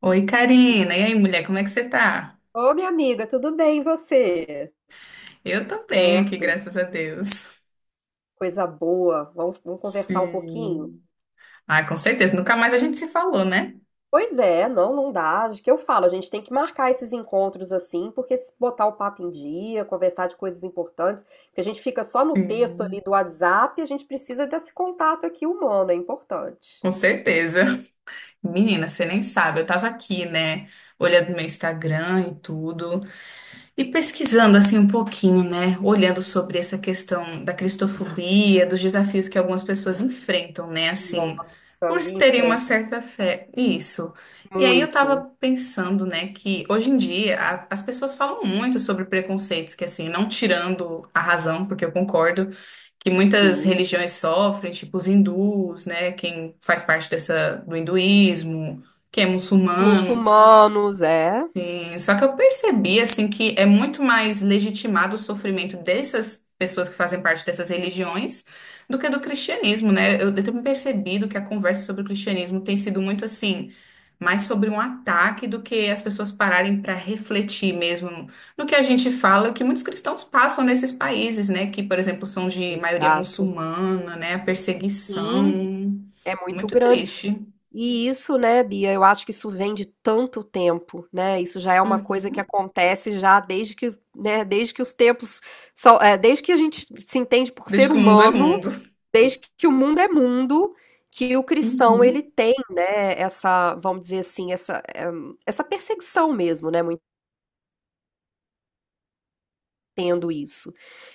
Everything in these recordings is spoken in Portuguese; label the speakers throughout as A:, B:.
A: Oi, Karina. E aí, mulher, como é que você tá?
B: Ô, minha amiga, tudo bem, e você?
A: Eu
B: Tudo
A: tô bem aqui,
B: certo,
A: graças a Deus.
B: coisa boa, vamos conversar um pouquinho?
A: Sim. Ah, com certeza. Nunca mais a gente se falou, né?
B: Pois é, não dá, de que eu falo, a gente tem que marcar esses encontros assim, porque se botar o papo em dia, conversar de coisas importantes, porque a gente fica só no texto ali
A: Sim.
B: do WhatsApp, a gente precisa desse contato aqui humano, é importante.
A: Com certeza. Menina, você nem sabe. Eu tava aqui, né? Olhando meu Instagram e tudo. E pesquisando assim um pouquinho, né, olhando sobre essa questão da cristofobia, dos desafios que algumas pessoas enfrentam, né, assim,
B: Nossa,
A: por
B: e
A: se terem uma
B: enfrenta
A: certa fé, isso. E aí eu
B: muito,
A: tava pensando, né, que hoje em dia as pessoas falam muito sobre preconceitos, que assim, não tirando a razão, porque eu concordo que muitas
B: sim.
A: religiões sofrem, tipo os hindus, né, quem faz parte dessa do hinduísmo, quem é muçulmano.
B: Muçulmanos, é,
A: Só que eu percebi assim que é muito mais legitimado o sofrimento dessas pessoas que fazem parte dessas religiões do que do cristianismo, né? Eu tenho percebido que a conversa sobre o cristianismo tem sido muito assim, mais sobre um ataque do que as pessoas pararem para refletir mesmo no que a gente fala, que muitos cristãos passam nesses países, né? Que, por exemplo, são de maioria
B: exato.
A: muçulmana, né? A
B: Sim.
A: perseguição.
B: É muito
A: Muito
B: grande.
A: triste.
B: E isso, né, Bia, eu acho que isso vem de tanto tempo, né? Isso já é uma coisa
A: Uhum.
B: que acontece já desde que os tempos são, desde que a gente se entende por
A: Desde
B: ser
A: que o mundo é
B: humano,
A: mundo.
B: desde que o mundo é mundo, que o cristão ele
A: Uhum.
B: tem, né, essa, vamos dizer assim, essa, essa perseguição mesmo, né? muito Tendo isso.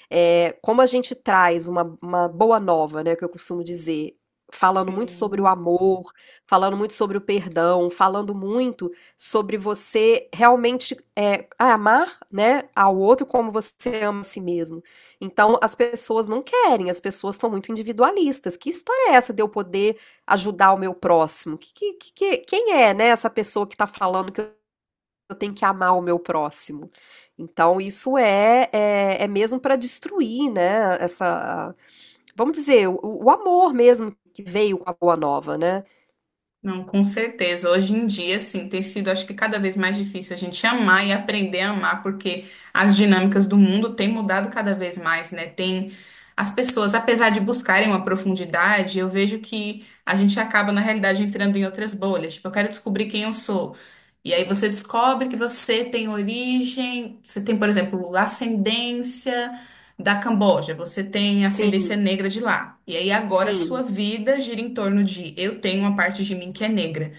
B: É, como a gente traz uma boa nova, né, que eu costumo dizer, falando muito sobre o
A: Sim.
B: amor, falando muito sobre o perdão, falando muito sobre você realmente amar, né, ao outro como você ama a si mesmo. Então, as pessoas não querem, as pessoas estão muito individualistas. Que história é essa de eu poder ajudar o meu próximo? Quem é, né, essa pessoa que está falando que eu tenho que amar o meu próximo. Então, isso é mesmo para destruir, né? Essa, vamos dizer, o amor mesmo que veio com a Boa Nova, né?
A: Não, com certeza. Hoje em dia, sim, tem sido, acho que cada vez mais difícil a gente amar e aprender a amar, porque as dinâmicas do mundo têm mudado cada vez mais, né? Tem as pessoas, apesar de buscarem uma profundidade, eu vejo que a gente acaba, na realidade, entrando em outras bolhas. Tipo, eu quero descobrir quem eu sou. E aí você descobre que você tem origem, você tem, por exemplo, ascendência da Camboja, você tem ascendência
B: Sim,
A: negra de lá. E aí agora a sua
B: sim.
A: vida gira em torno de eu tenho uma parte de mim que é negra.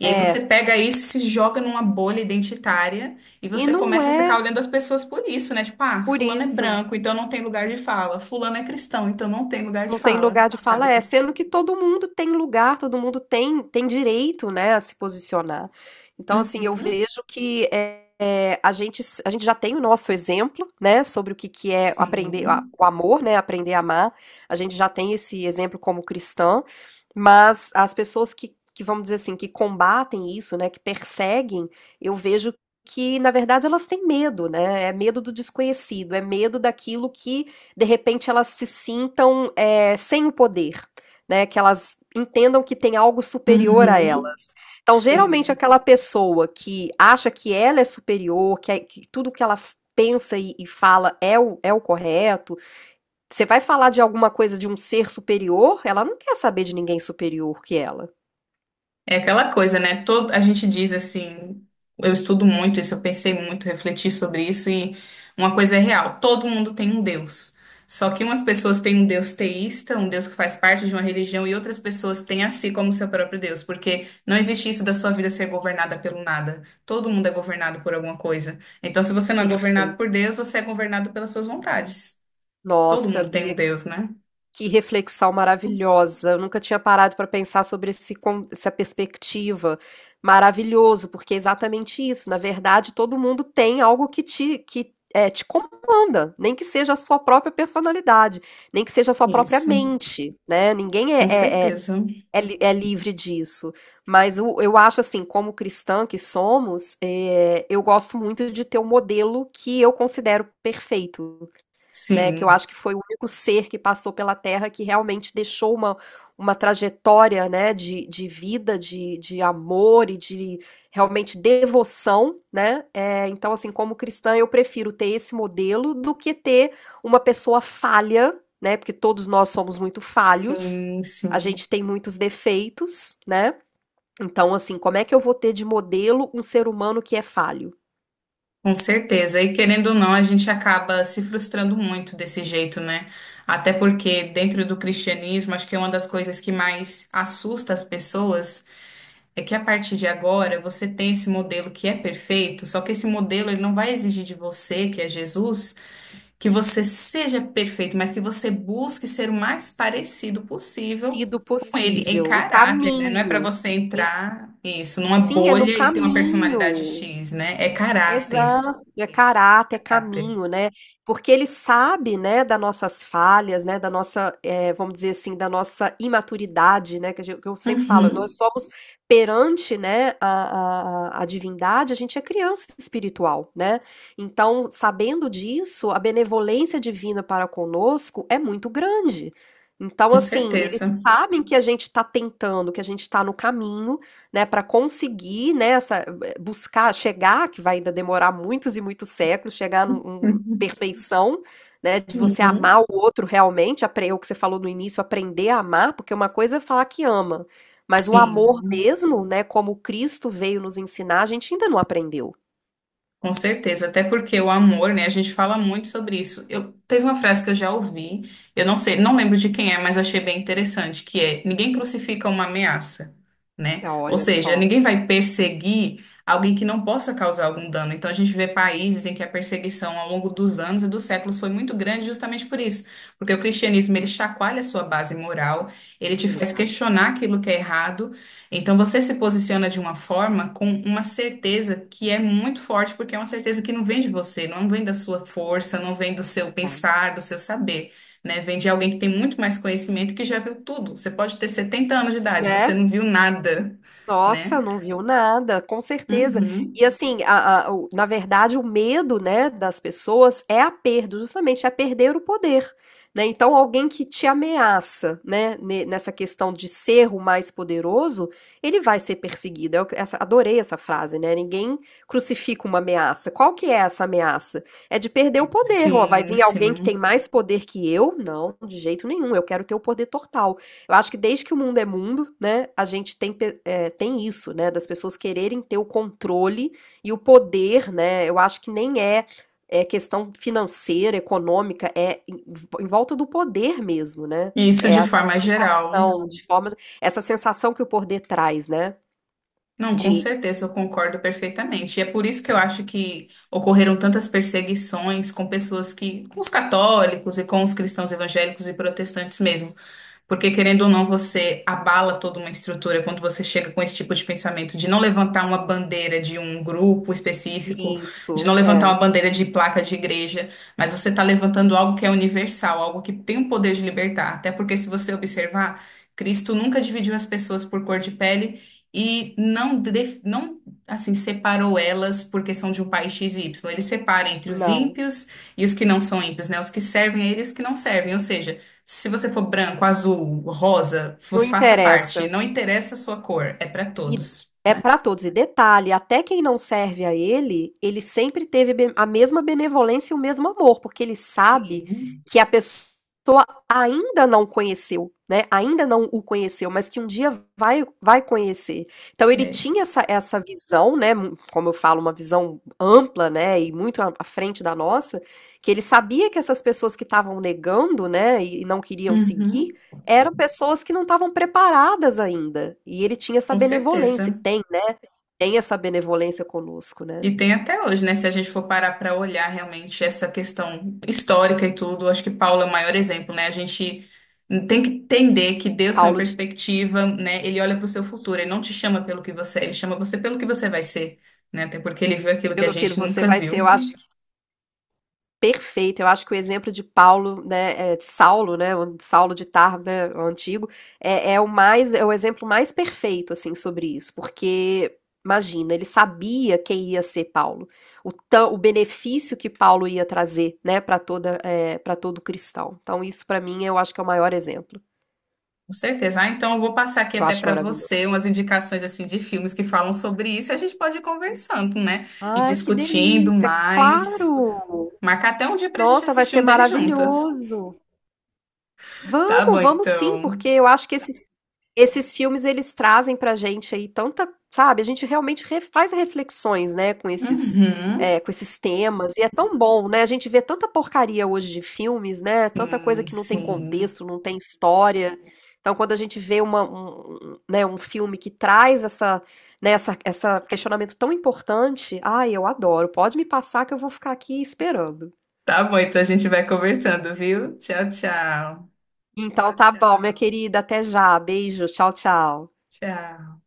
A: E aí
B: É,
A: você pega isso, se joga numa bolha identitária e
B: e
A: você
B: não
A: começa a
B: é
A: ficar olhando as pessoas por isso, né? Tipo, ah,
B: por
A: fulano é
B: isso.
A: branco, então não tem lugar de fala. Fulano é cristão, então não tem lugar de
B: Não tem
A: fala,
B: lugar de fala,
A: sabe?
B: é, sendo que todo mundo tem lugar, todo mundo tem direito, né, a se posicionar. Então, assim, eu
A: Uhum,
B: vejo que, a gente já tem o nosso exemplo, né, sobre o que que é aprender a
A: sim.
B: o amor, né, aprender a amar, a gente já tem esse exemplo como cristã, mas as pessoas que vamos dizer assim, que combatem isso, né, que perseguem, eu vejo que na verdade elas têm medo, né, é medo do desconhecido, é medo daquilo que de repente elas se sintam sem o poder, né? Que elas entendam que tem algo superior a ela.
A: Uhum,
B: Então, geralmente,
A: sim.
B: aquela pessoa que acha que ela é superior, que tudo que pensa e fala é é o correto, você vai falar de alguma coisa de um ser superior, ela não quer saber de ninguém superior que ela.
A: É aquela coisa, né? Todo, a gente diz assim, eu estudo muito isso, eu pensei muito, refleti sobre isso e uma coisa é real, todo mundo tem um Deus. Só que umas pessoas têm um Deus teísta, um Deus que faz parte de uma religião, e outras pessoas têm a si como seu próprio Deus, porque não existe isso da sua vida ser governada pelo nada. Todo mundo é governado por alguma coisa. Então, se você não é governado por
B: Perfeito.
A: Deus, você é governado pelas suas vontades. Todo
B: Nossa,
A: mundo tem
B: Bia,
A: um Deus, né?
B: que reflexão maravilhosa. Eu nunca tinha parado para pensar sobre essa perspectiva. Maravilhoso, porque é exatamente isso. Na verdade, todo mundo tem algo que te comanda, nem que seja a sua própria personalidade, nem que seja a sua própria
A: Isso,
B: mente, né? Ninguém
A: com certeza.
B: é livre disso. Eu acho assim, como cristã que somos, eu gosto muito de ter um modelo que eu considero perfeito. Né, que eu
A: Sim,
B: acho que foi o único ser que passou pela Terra que realmente deixou uma trajetória, né, de vida, de amor e de realmente devoção, né, então, assim, como cristã eu prefiro ter esse modelo do que ter uma pessoa falha, né, porque todos nós somos muito falhos,
A: sim,
B: a
A: sim.
B: gente tem muitos defeitos, né, então, assim, como é que eu vou ter de modelo um ser humano que é falho?
A: Com certeza. E querendo ou não, a gente acaba se frustrando muito desse jeito, né? Até porque dentro do cristianismo, acho que é uma das coisas que mais assusta as pessoas é que a partir de agora você tem esse modelo que é perfeito, só que esse modelo ele não vai exigir de você, que é Jesus, que você seja perfeito, mas que você busque ser o mais parecido possível
B: Sido
A: com ele em
B: possível, o
A: caráter, né? Não é para
B: caminho.
A: você entrar isso numa
B: Sim, é no
A: bolha e ter uma personalidade
B: caminho.
A: X, né? É caráter,
B: Exato, é caráter, é
A: caráter.
B: caminho, né. Porque ele sabe, né, das nossas falhas, né, da nossa, vamos dizer assim, da nossa imaturidade, né, que a gen que eu sempre falo, nós
A: Uhum,
B: somos perante, né, a divindade, a gente é criança espiritual, né. Então, sabendo disso, a benevolência divina para conosco é muito grande. Então,
A: com
B: assim, eles
A: certeza.
B: sabem que a gente está tentando, que a gente está no caminho, né, para conseguir, né, essa buscar chegar, que vai ainda demorar muitos e muitos séculos, chegar numa perfeição, né, de você
A: Uhum.
B: amar o outro realmente, é o que você falou no início, aprender a amar, porque uma coisa é falar que ama, mas o amor
A: Sim,
B: mesmo, né, como Cristo veio nos ensinar, a gente ainda não aprendeu.
A: com certeza. Até porque o amor, né? A gente fala muito sobre isso. Eu teve uma frase que eu já ouvi, eu não sei, não lembro de quem é, mas eu achei bem interessante, que é ninguém crucifica uma ameaça, né?
B: Ah,
A: Ou
B: olha
A: seja,
B: só,
A: ninguém vai perseguir alguém que não possa causar algum dano. Então a gente vê países em que a perseguição ao longo dos anos e dos séculos foi muito grande justamente por isso, porque o cristianismo ele chacoalha a sua base moral, ele te faz
B: exato,
A: questionar aquilo que é errado. Então você se posiciona de uma forma com uma certeza que é muito forte, porque é uma certeza que não vem de você, não vem da sua força, não vem do seu
B: exato.
A: pensar, do seu saber, né? Vem de alguém que tem muito mais conhecimento e que já viu tudo. Você pode ter 70 anos de idade, você
B: Né?
A: não viu nada,
B: Nossa,
A: né?
B: não viu nada, com certeza. E
A: Uhum.
B: assim, na verdade, o medo, né, das pessoas é a perda, justamente, é perder o poder, né? Então, alguém que te ameaça, né, nessa questão de ser o mais poderoso, ele vai ser perseguido. Adorei essa frase, né? Ninguém crucifica uma ameaça. Qual que é essa ameaça? É de perder o poder. Ó, vai
A: Sim,
B: vir alguém que tem
A: sim.
B: mais poder que eu? Não, de jeito nenhum. Eu quero ter o poder total. Eu acho que desde que o mundo é mundo, né, a gente tem, tem isso, né, das pessoas quererem ter o controle e o poder, né, eu acho que nem é, é questão financeira, econômica, em volta do poder mesmo, né,
A: Isso
B: é
A: de
B: essa
A: forma geral.
B: sensação de forma, essa sensação que o poder traz, né,
A: Não, com
B: de
A: certeza, eu concordo perfeitamente. E é por isso que eu acho que ocorreram tantas perseguições com pessoas que, com os católicos e com os cristãos evangélicos e protestantes mesmo. Porque, querendo ou não, você abala toda uma estrutura quando você chega com esse tipo de pensamento, de não levantar uma bandeira de um grupo específico, de não
B: isso,
A: levantar uma
B: é,
A: bandeira de placa de igreja, mas você está levantando algo que é universal, algo que tem o poder de libertar. Até porque, se você observar, Cristo nunca dividiu as pessoas por cor de pele e não assim, separou elas por questão de um país X e Y. Ele separa entre os
B: não,
A: ímpios e os que não são ímpios, né? Os que servem a ele e os que não servem. Ou seja, se você for branco, azul, rosa,
B: não
A: vos faça parte.
B: interessa.
A: Não interessa a sua cor, é para
B: E
A: todos,
B: é
A: né?
B: para todos. E detalhe, até quem não serve a ele, ele sempre teve a mesma benevolência e o mesmo amor, porque ele sabe
A: Sim.
B: que a pessoa ainda não conheceu, né? Ainda não o conheceu, mas que um dia vai conhecer. Então ele
A: É.
B: tinha essa visão, né? Como eu falo, uma visão ampla, né? E muito à frente da nossa, que ele sabia que essas pessoas que estavam negando, né? E não queriam seguir
A: Uhum,
B: eram pessoas que não estavam preparadas ainda, e ele tinha essa
A: com
B: benevolência, e
A: certeza.
B: tem, né, tem essa benevolência conosco, né.
A: E tem até hoje, né? Se a gente for parar para olhar realmente essa questão histórica e tudo, acho que Paulo é o maior exemplo, né? A gente tem que entender que Deus tem uma
B: Paulo de
A: perspectiva, né? Ele olha para o seu futuro, ele não te chama pelo que você é, ele chama você pelo que você vai ser, né? Até porque ele viu aquilo que a
B: Pelo que
A: gente
B: você
A: nunca
B: vai
A: viu.
B: ser, eu acho que perfeito, eu acho que o exemplo de Paulo, né, de Saulo, né, o Saulo de Tarso, né, o antigo, é é o mais é o exemplo mais perfeito, assim, sobre isso, porque, imagina, ele sabia quem ia ser Paulo, o benefício que Paulo ia trazer, né, para todo cristão. Então isso para mim eu acho que é o maior exemplo.
A: Com certeza. Ah, então eu vou passar aqui
B: Eu
A: até
B: acho
A: para
B: maravilhoso.
A: você umas indicações assim de filmes que falam sobre isso. A gente pode ir conversando, né? E
B: Ai, que
A: discutindo
B: delícia,
A: mais.
B: claro!
A: Marcar até um dia para a gente
B: Nossa, vai
A: assistir
B: ser
A: um deles juntas.
B: maravilhoso.
A: Tá bom,
B: Vamos, vamos sim, porque
A: então.
B: eu acho que esses filmes eles trazem pra gente aí tanta, sabe, a gente realmente re faz reflexões, né, com esses,
A: Uhum.
B: com esses temas, e é tão bom, né, a gente vê tanta porcaria hoje de filmes, né, tanta coisa
A: Sim,
B: que não tem
A: sim.
B: contexto, não tem história, então quando a gente vê uma, um, né, um filme que traz essa, né, essa questionamento tão importante, ai, eu adoro, pode me passar que eu vou ficar aqui esperando.
A: Tá bom, então a gente vai conversando, viu? Tchau, tchau.
B: Então tá bom, minha querida, até já, beijo, tchau, tchau.
A: Tchau.